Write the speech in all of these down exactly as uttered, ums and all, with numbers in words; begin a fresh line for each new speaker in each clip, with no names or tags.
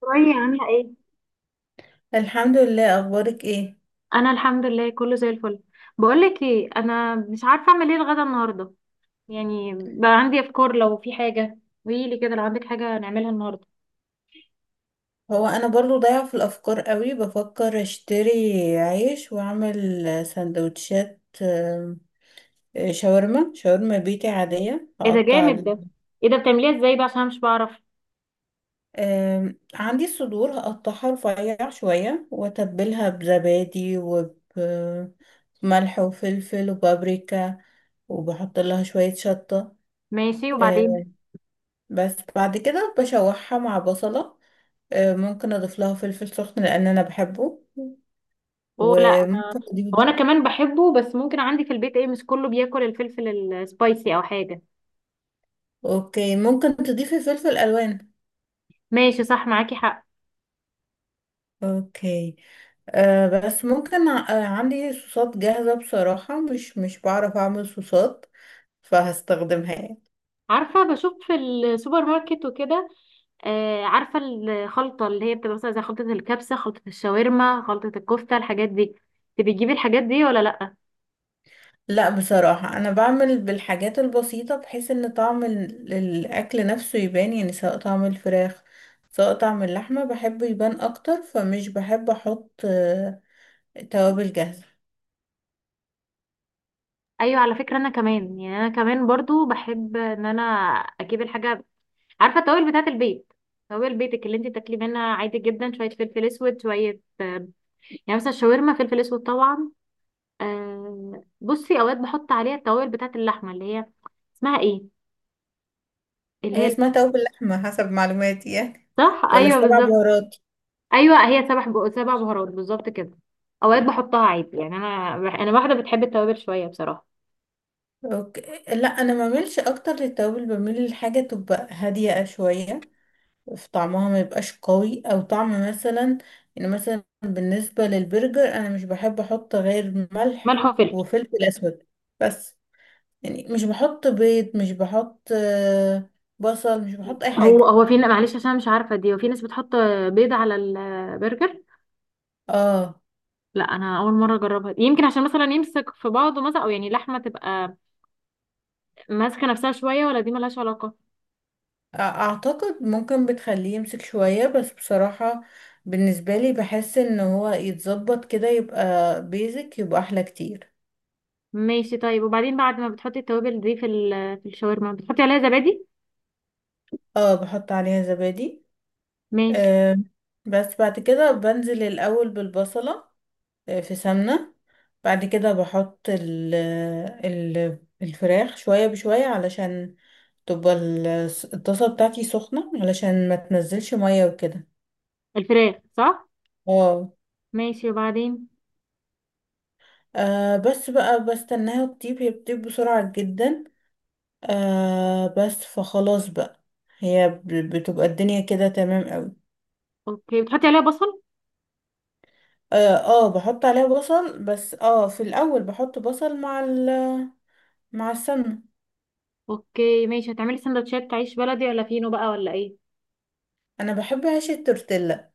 شوية عاملة ايه؟
الحمد لله، اخبارك ايه؟
أنا الحمد لله كله زي الفل. بقولك ايه، أنا مش عارفة أعمل ايه الغدا النهاردة. يعني بقى عندي أفكار، لو في حاجة قوليلي كده، لو عندك حاجة نعملها النهاردة.
هو انا برضو ضايعه في الافكار قوي. بفكر اشتري عيش واعمل سندوتشات، آم، شاورما شاورما بيتي عاديه.
ايه ده
هقطع
جامد
ال-
ده! ايه ده، بتعمليها ازاي بقى؟ عشان أنا مش بعرف.
آم، عندي صدور هقطعها رفيع شويه، واتبلها بزبادي وبملح وفلفل وبابريكا، وبحط لها شويه شطه.
ماشي، وبعدين؟
آم، بس بعد كده بشوحها مع بصله. آم، ممكن اضيف لها فلفل سخن لان انا بحبه.
اوه لا، أنا،
وممكن
هو
تضيفي.
أنا كمان بحبه، بس ممكن عندي في البيت ايه، مش كله بياكل الفلفل السبايسي أو حاجة.
اوكي، ممكن تضيفي فلفل الوان.
ماشي، صح، معاكي حق.
اوكي. آه بس ممكن ع- آه عندي صوصات جاهزة. بصراحة مش مش بعرف اعمل صوصات، فهستخدمها يعني.
عارفة، بشوف في السوبر ماركت وكده. آه، عارفة الخلطة اللي هي بتبقى مثلا زي خلطة الكبسة، خلطة الشاورما، خلطة الكفتة، الحاجات دي، انت بتجيبي الحاجات دي ولا لأ؟
لا، بصراحة انا بعمل بالحاجات البسيطة، بحيث ان طعم ال- الاكل نفسه يبان، يعني سواء طعم الفراخ سواء طعم اللحمة بحبه يبان اكتر، فمش بحب احط آه توابل جاهزة.
ايوه، على فكرة انا كمان يعني انا كمان برضو بحب ان انا اجيب الحاجة. عارفة التوابل بتاعة البيت، توابل بيتك اللي انت تاكلي منها عادي جدا، شوية فلفل اسود، شوية، آه، يعني مثلا الشاورما فلفل اسود طبعا. آه، بصي اوقات بحط عليها التوابل بتاعة اللحمة اللي هي اسمها ايه، اللي
هي
هي...
اسمها توابل لحمة حسب معلوماتي يعني،
صح،
ولا
ايوه
السبع
بالظبط.
بهارات.
ايوه هي سبع بق- سبع بهارات بالظبط كده. اوقات بحطها عادي، يعني انا، انا واحده بتحب التوابل شويه بصراحه.
اوكي. لا انا ما بعملش اكتر للتوابل، بميل لحاجه تبقى هاديه شويه في طعمها، ما يبقاش قوي او طعم مثلا. يعني مثلا بالنسبه للبرجر، انا مش بحب احط غير ملح
ملح وفلفل.
وفلفل اسود بس. يعني مش بحط بيض، مش بحط آه، بصل، مش بحط اي
هو
حاجه.
هو في، معلش عشان مش عارفه دي، وفي ناس بتحط بيض على البرجر.
اه.
لا انا اول مره اجربها دي. يمكن عشان مثلا يمسك في بعضه مثلا، او يعني اللحمه تبقى ماسكه نفسها شويه، ولا دي ملهاش علاقه؟
أ- اعتقد ممكن بتخليه يمسك شويه، بس بصراحه بالنسبه لي بحس ان هو يتظبط كده يبقى بيزك، يبقى احلى كتير.
ماشي طيب، وبعدين بعد ما بتحطي التوابل دي في ال- في الشاورما، بتحطي عليها زبادي؟
اه، بحط عليها زبادي.
ماشي.
آه، بس بعد كده بنزل الأول بالبصلة. آه في سمنة. بعد كده بحط ال ال الفراخ شوية بشوية، علشان تبقى ال- الطاسة بتاعتي سخنة، علشان ما تنزلش مية وكده.
الفراخ، صح.
اه.
ماشي، وبعدين؟
آه، بس بقى بستناها تطيب، هي بتطيب بسرعة جدا. آه، بس فخلاص بقى، هي ب- بتبقى الدنيا كده تمام أوي.
اوكي، بتحطي عليها بصل.
اه، آه، بحط عليها بصل. بس اه في الاول بحط بصل مع ال مع السمنه.
اوكي ماشي، هتعملي سندوتشات عيش بلدي ولا فينو بقى ولا ايه؟
انا بحب عيش التورتيلا.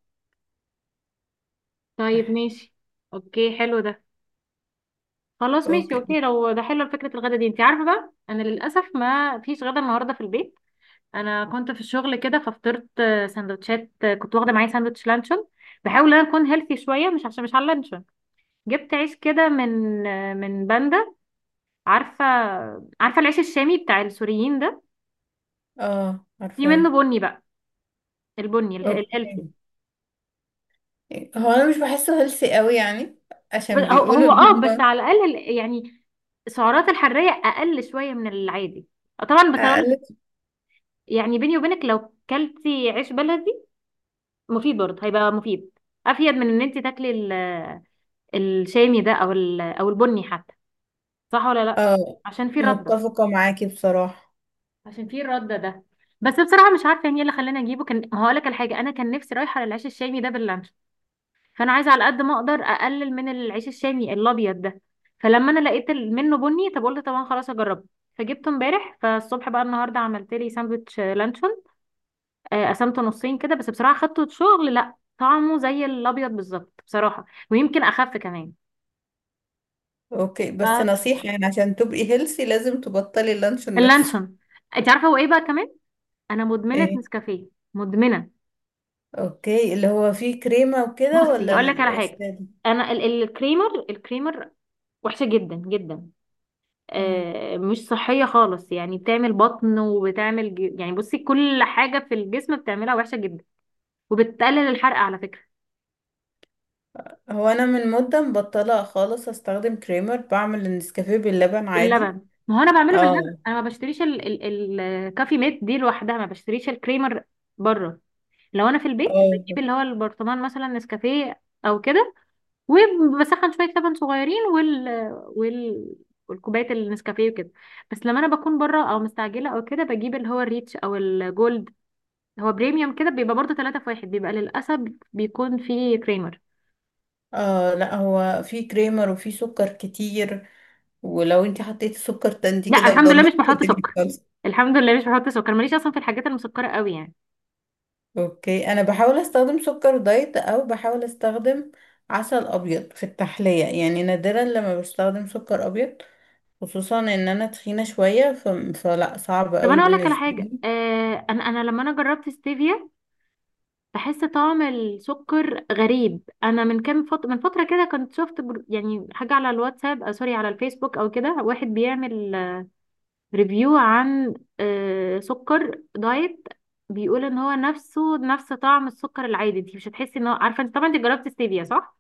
طيب
صح.
ماشي. اوكي حلو ده. خلاص ماشي،
اوكي.
اوكي، لو ده حلو فكرة الغدا دي. انت عارفة بقى، انا للأسف ما فيش غدا النهاردة في البيت. انا كنت في الشغل كده، ففطرت آه، سندوتشات، آه، كنت واخدة معايا سندوتش لانشون. بحاول ان انا اكون هيلثي شوية، مش عشان مش على اللانشون. جبت عيش كده من، آه، من باندا. عارفة، عارفة العيش الشامي بتاع السوريين ده؟
اه،
في منه
عارفاه.
بني بقى، البني اله- الهيلثي.
اوكي. هو انا مش بحسه هيلثي قوي يعني،
ب-
عشان
هو
بيقولوا
هو اه،
ان
بس
هم
على الاقل ال- يعني السعرات الحراريه اقل شويه من العادي. آه، طبعا بتقول،
اقلل.
يعني بيني وبينك لو كلتي عيش بلدي مفيد برضه، هيبقى مفيد، افيد من ان انت تاكلي ال- الشامي ده، او ال- او البني حتى، صح ولا لا؟
اه،
عشان في رده.
متفقه معاكي بصراحه.
عشان في الرده ده. بس بصراحه مش عارفه يعني ايه اللي خلاني اجيبه. كان هقول لك الحاجه، انا كان نفسي رايحه للعيش الشامي ده، فانا عايزه على قد ما اقدر اقلل من العيش الشامي الابيض ده. فلما انا لقيت ال- منه بني، طب قلت طبعا خلاص اجربه. فجبته امبارح، فالصبح بقى النهارده عملت لي ساندوتش لانشون. آه، قسمته نصين كده. بس بصراحه خدته شغل، لا طعمه زي الابيض بالظبط بصراحه، ويمكن اخف كمان.
اوكي، بس
ف-
نصيحه يعني، عشان تبقي هيلثي لازم تبطلي اللانشون نفسه.
اللانشون. انت عارفه هو ايه بقى كمان؟ انا مدمنه
ايه.
نسكافيه. مدمنه.
اوكي، اللي هو فيه كريمه وكده،
بصي
ولا
هقول لك على حاجه،
الساده؟
انا ال- الكريمر الكريمر وحشه جدا جدا. آه، مش صحية خالص، يعني بتعمل بطن، وبتعمل ج... يعني بصي كل حاجة في الجسم بتعملها وحشة جدا، وبتقلل الحرق على فكرة.
هو انا من مده مبطله خالص استخدم كريمر، بعمل النسكافيه باللبن عادي.
اللبن، ما هو انا بعمله باللبن،
اه.
انا ما بشتريش ال... ال... الكافي ميت دي لوحدها، ما بشتريش الكريمر بره. لو انا في البيت بجيب
اه.
اللي هو البرطمان مثلا نسكافيه او كده، وبسخن شوية لبن صغيرين وال وال والكوباية النسكافيه وكده. بس لما انا بكون بره او مستعجله او كده، بجيب اللي هو الريتش او الجولد، هو بريميوم كده بيبقى برضه ثلاثة في واحد، بيبقى للاسف بيكون فيه كريمر.
اه، لا هو في كريمر وفي سكر كتير، ولو انت حطيتي سكر تاني
لا
كده
الحمد لله مش
ودمرت
بحط
الدنيا
سكر،
خالص.
الحمد لله مش بحط سكر، ماليش اصلا في الحاجات المسكره قوي يعني.
اوكي، انا بحاول استخدم سكر دايت، او بحاول استخدم عسل ابيض في التحليه. يعني نادرا لما بستخدم سكر ابيض، خصوصا ان انا تخينه شويه، ف... فلا صعب
طب
قوي
انا اقول لك على
بالنسبه
حاجه،
لي.
آه انا انا لما انا جربت ستيفيا بحس طعم السكر غريب. انا من كام فتره من فتره كده كنت شفت بر- يعني حاجه على الواتساب، آه سوري، على الفيسبوك او كده، واحد بيعمل آه، ريفيو عن آه سكر دايت، بيقول ان هو نفسه نفس طعم السكر العادي، انت مش هتحسي ان هو، عارفه انت طبعا انت جربت ستيفيا صح؟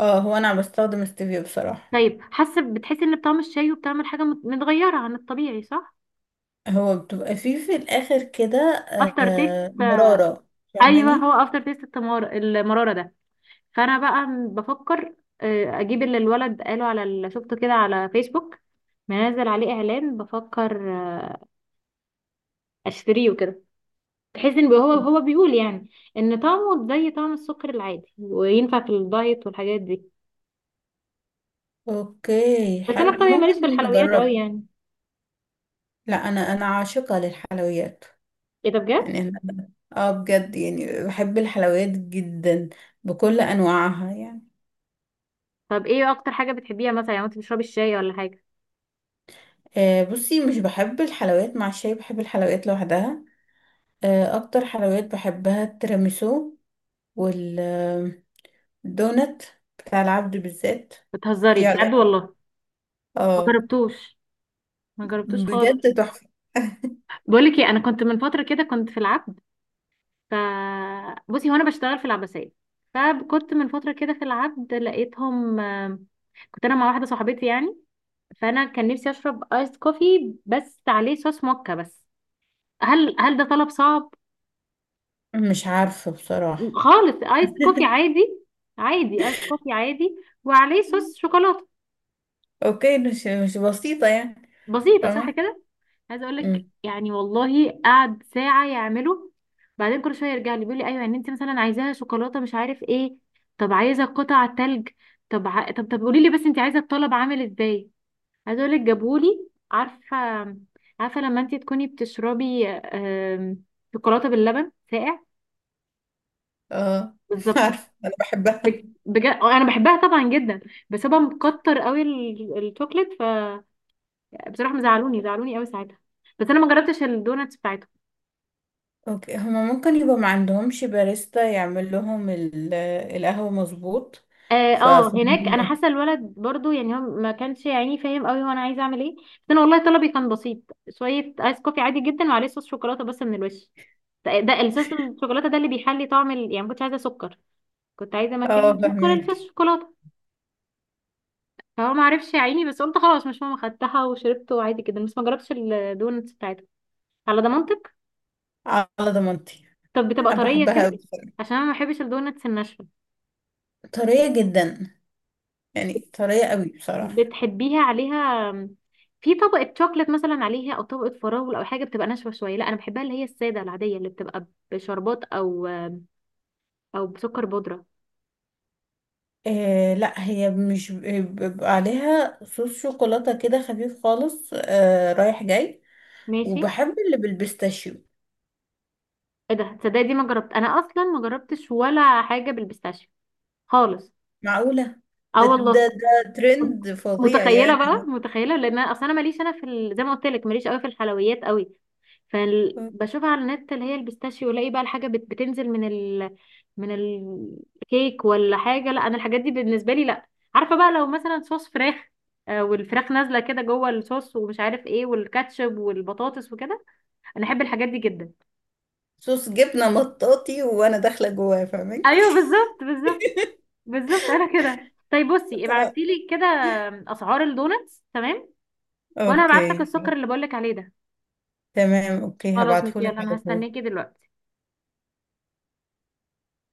اه، هو انا بستخدم ستيفيا بصراحه.
طيب حاسه، بتحسي ان بطعم الشاي وبتعمل حاجه مت- متغيره عن الطبيعي صح؟
هو بتبقى فيه في الآخر كده.
افتر
آه،
تيست، آه،
مرارة،
ايوه، هو
فاهماني.
افتر تيست التمار المراره ده. فانا بقى م- بفكر، آه، اجيب اللي الولد قاله، على اللي شفته كده على فيسبوك منزل عليه اعلان، بفكر آه، اشتريه وكده. تحس ان هو هو بيقول يعني ان طعمه زي طعم السكر العادي، وينفع في الدايت والحاجات دي.
اوكي،
بس انا
حلو،
في طبيعي
ممكن
ماليش في الحلويات قوي
نجرب.
يعني.
لا، انا انا عاشقة للحلويات.
ايه ده بجد!
يعني أنا- اه بجد، يعني بحب الحلويات جدا بكل انواعها يعني.
طب ايه اكتر حاجه بتحبيها مثلا يعني، انت بتشربي الشاي ولا حاجه؟
آه، بصي، مش بحب الحلويات مع الشاي، بحب الحلويات لوحدها. آه، اكتر حلويات بحبها التيراميسو، والدونت بتاع العبد بالذات.
بتهزري
في
بجد
علاقة.
والله! ما
اه،
جربتوش، ما جربتوش خالص.
بجد تحفة.
بقول لك ايه، انا كنت من فتره كده، كنت في العبد. ف... بصي هو انا بشتغل في العباسيه، فكنت من فتره كده في العبد لقيتهم، آم، كنت انا مع واحده صاحبتي يعني. فانا كان نفسي اشرب ايس كوفي بس عليه صوص موكا بس. هل هل ده طلب صعب؟
مش عارفة بصراحة.
خالص ايس كوفي عادي، عادي ايس كوفي عادي، وعليه صوص شوكولاته.
اوكي، مش مش بسيطة يعني.
بسيطه صح
فاهمة.
كده. عايزه اقول لك
أمم.
يعني، والله قعد ساعه يعمله. بعدين كل شويه يرجع لي بيقول لي ايوه، يعني انت مثلا عايزاها شوكولاته مش عارف ايه، طب عايزه قطع تلج، طب ع... طب طب قولي لي بس انت عايزه الطلب عامل ازاي. عايزه اقول لك جابهولي، عارفه، عارفه لما انت تكوني بتشربي، آم، شوكولاته باللبن ساقع؟
اه
بالظبط.
عارفة انا بحبها.
بج- بجد انا بحبها طبعا جدا، بس هو مكتر قوي ال- الشوكليت. فبصراحه مزعلوني زعلوني قوي ساعتها. بس انا ما جربتش الدوناتس.
اوكي، هما ممكن يبقى ما عندهمش باريستا يعمل لهم ال- القهوة مظبوط.
اه، آه، هناك انا
ففهمك.
حاسه الولد برضو يعني هو ما كانش يعني فاهم قوي هو انا عايزه اعمل ايه. بس انا والله طلبي كان بسيط، شويه ايس كوفي عادي جدا وعليه صوص شوكولاته بس من الوش. ده ده الصوص الشوكولاته ده اللي بيحلي طعم ال... يعني ما كنتش عايزه سكر، كنت عايزه
اه،
مكان سكر الفص
فهمك.
شوكولاته. فهو ما عرفش يا عيني، بس قلت خلاص مش مهم، خدتها وشربته عادي جدا، بس ما جربتش الدونتس بتاعتها. على ضمانتك؟
على ضمانتي.
طب بتبقى
انا
طريه
بحبها
كده؟
قوي.
عشان انا ما بحبش الدونتس الناشفه.
طرية جدا، يعني طرية قوي بصراحة.
بتحبيها عليها في طبقة شوكليت مثلا، عليها او طبقة فراولة او حاجة بتبقى ناشفة شوية؟ لا انا بحبها اللي هي السادة العادية اللي بتبقى بشربات، او او بسكر بودرة.
إيه، لا هي مش بيبقى عليها صوص شوكولاتة كده خفيف خالص، آه رايح جاي.
ماشي.
وبحب اللي بالبيستاشيو.
ايه ده، تصدقي دي ما جربت، انا اصلا ما جربتش ولا حاجة بالبيستاشيو خالص.
معقولة.
اه
ده ده
والله.
ده ترند فظيع
متخيلة بقى،
يعني.
متخيلة، لان انا اصلا انا ماليش انا في ال... زي ما قلت لك ماليش قوي في الحلويات قوي. فبشوفها على النت اللي هي البيستاشيو، الاقي بقى الحاجه بت- بتنزل من ال من الكيك ولا حاجه، لا انا الحاجات دي بالنسبه لي لا. عارفه بقى لو مثلا صوص فراخ، آه، والفراخ نازله كده جوه الصوص ومش عارف ايه، والكاتشب والبطاطس وكده، انا احب الحاجات دي جدا.
صوص جبنة مطاطي وانا داخلة جواه، فاهمك.
ايوه بالظبط، بالظبط، بالظبط. انا كده. طيب بصي، ابعتي
آه.
لي كده اسعار الدونتس تمام، وانا هبعت لك
اوكي.
السكر اللي بقول لك عليه ده.
تمام، اوكي،
خلاص ماشي،
هبعتهولك
يلا انا
على طول.
هستناكي دلوقتي.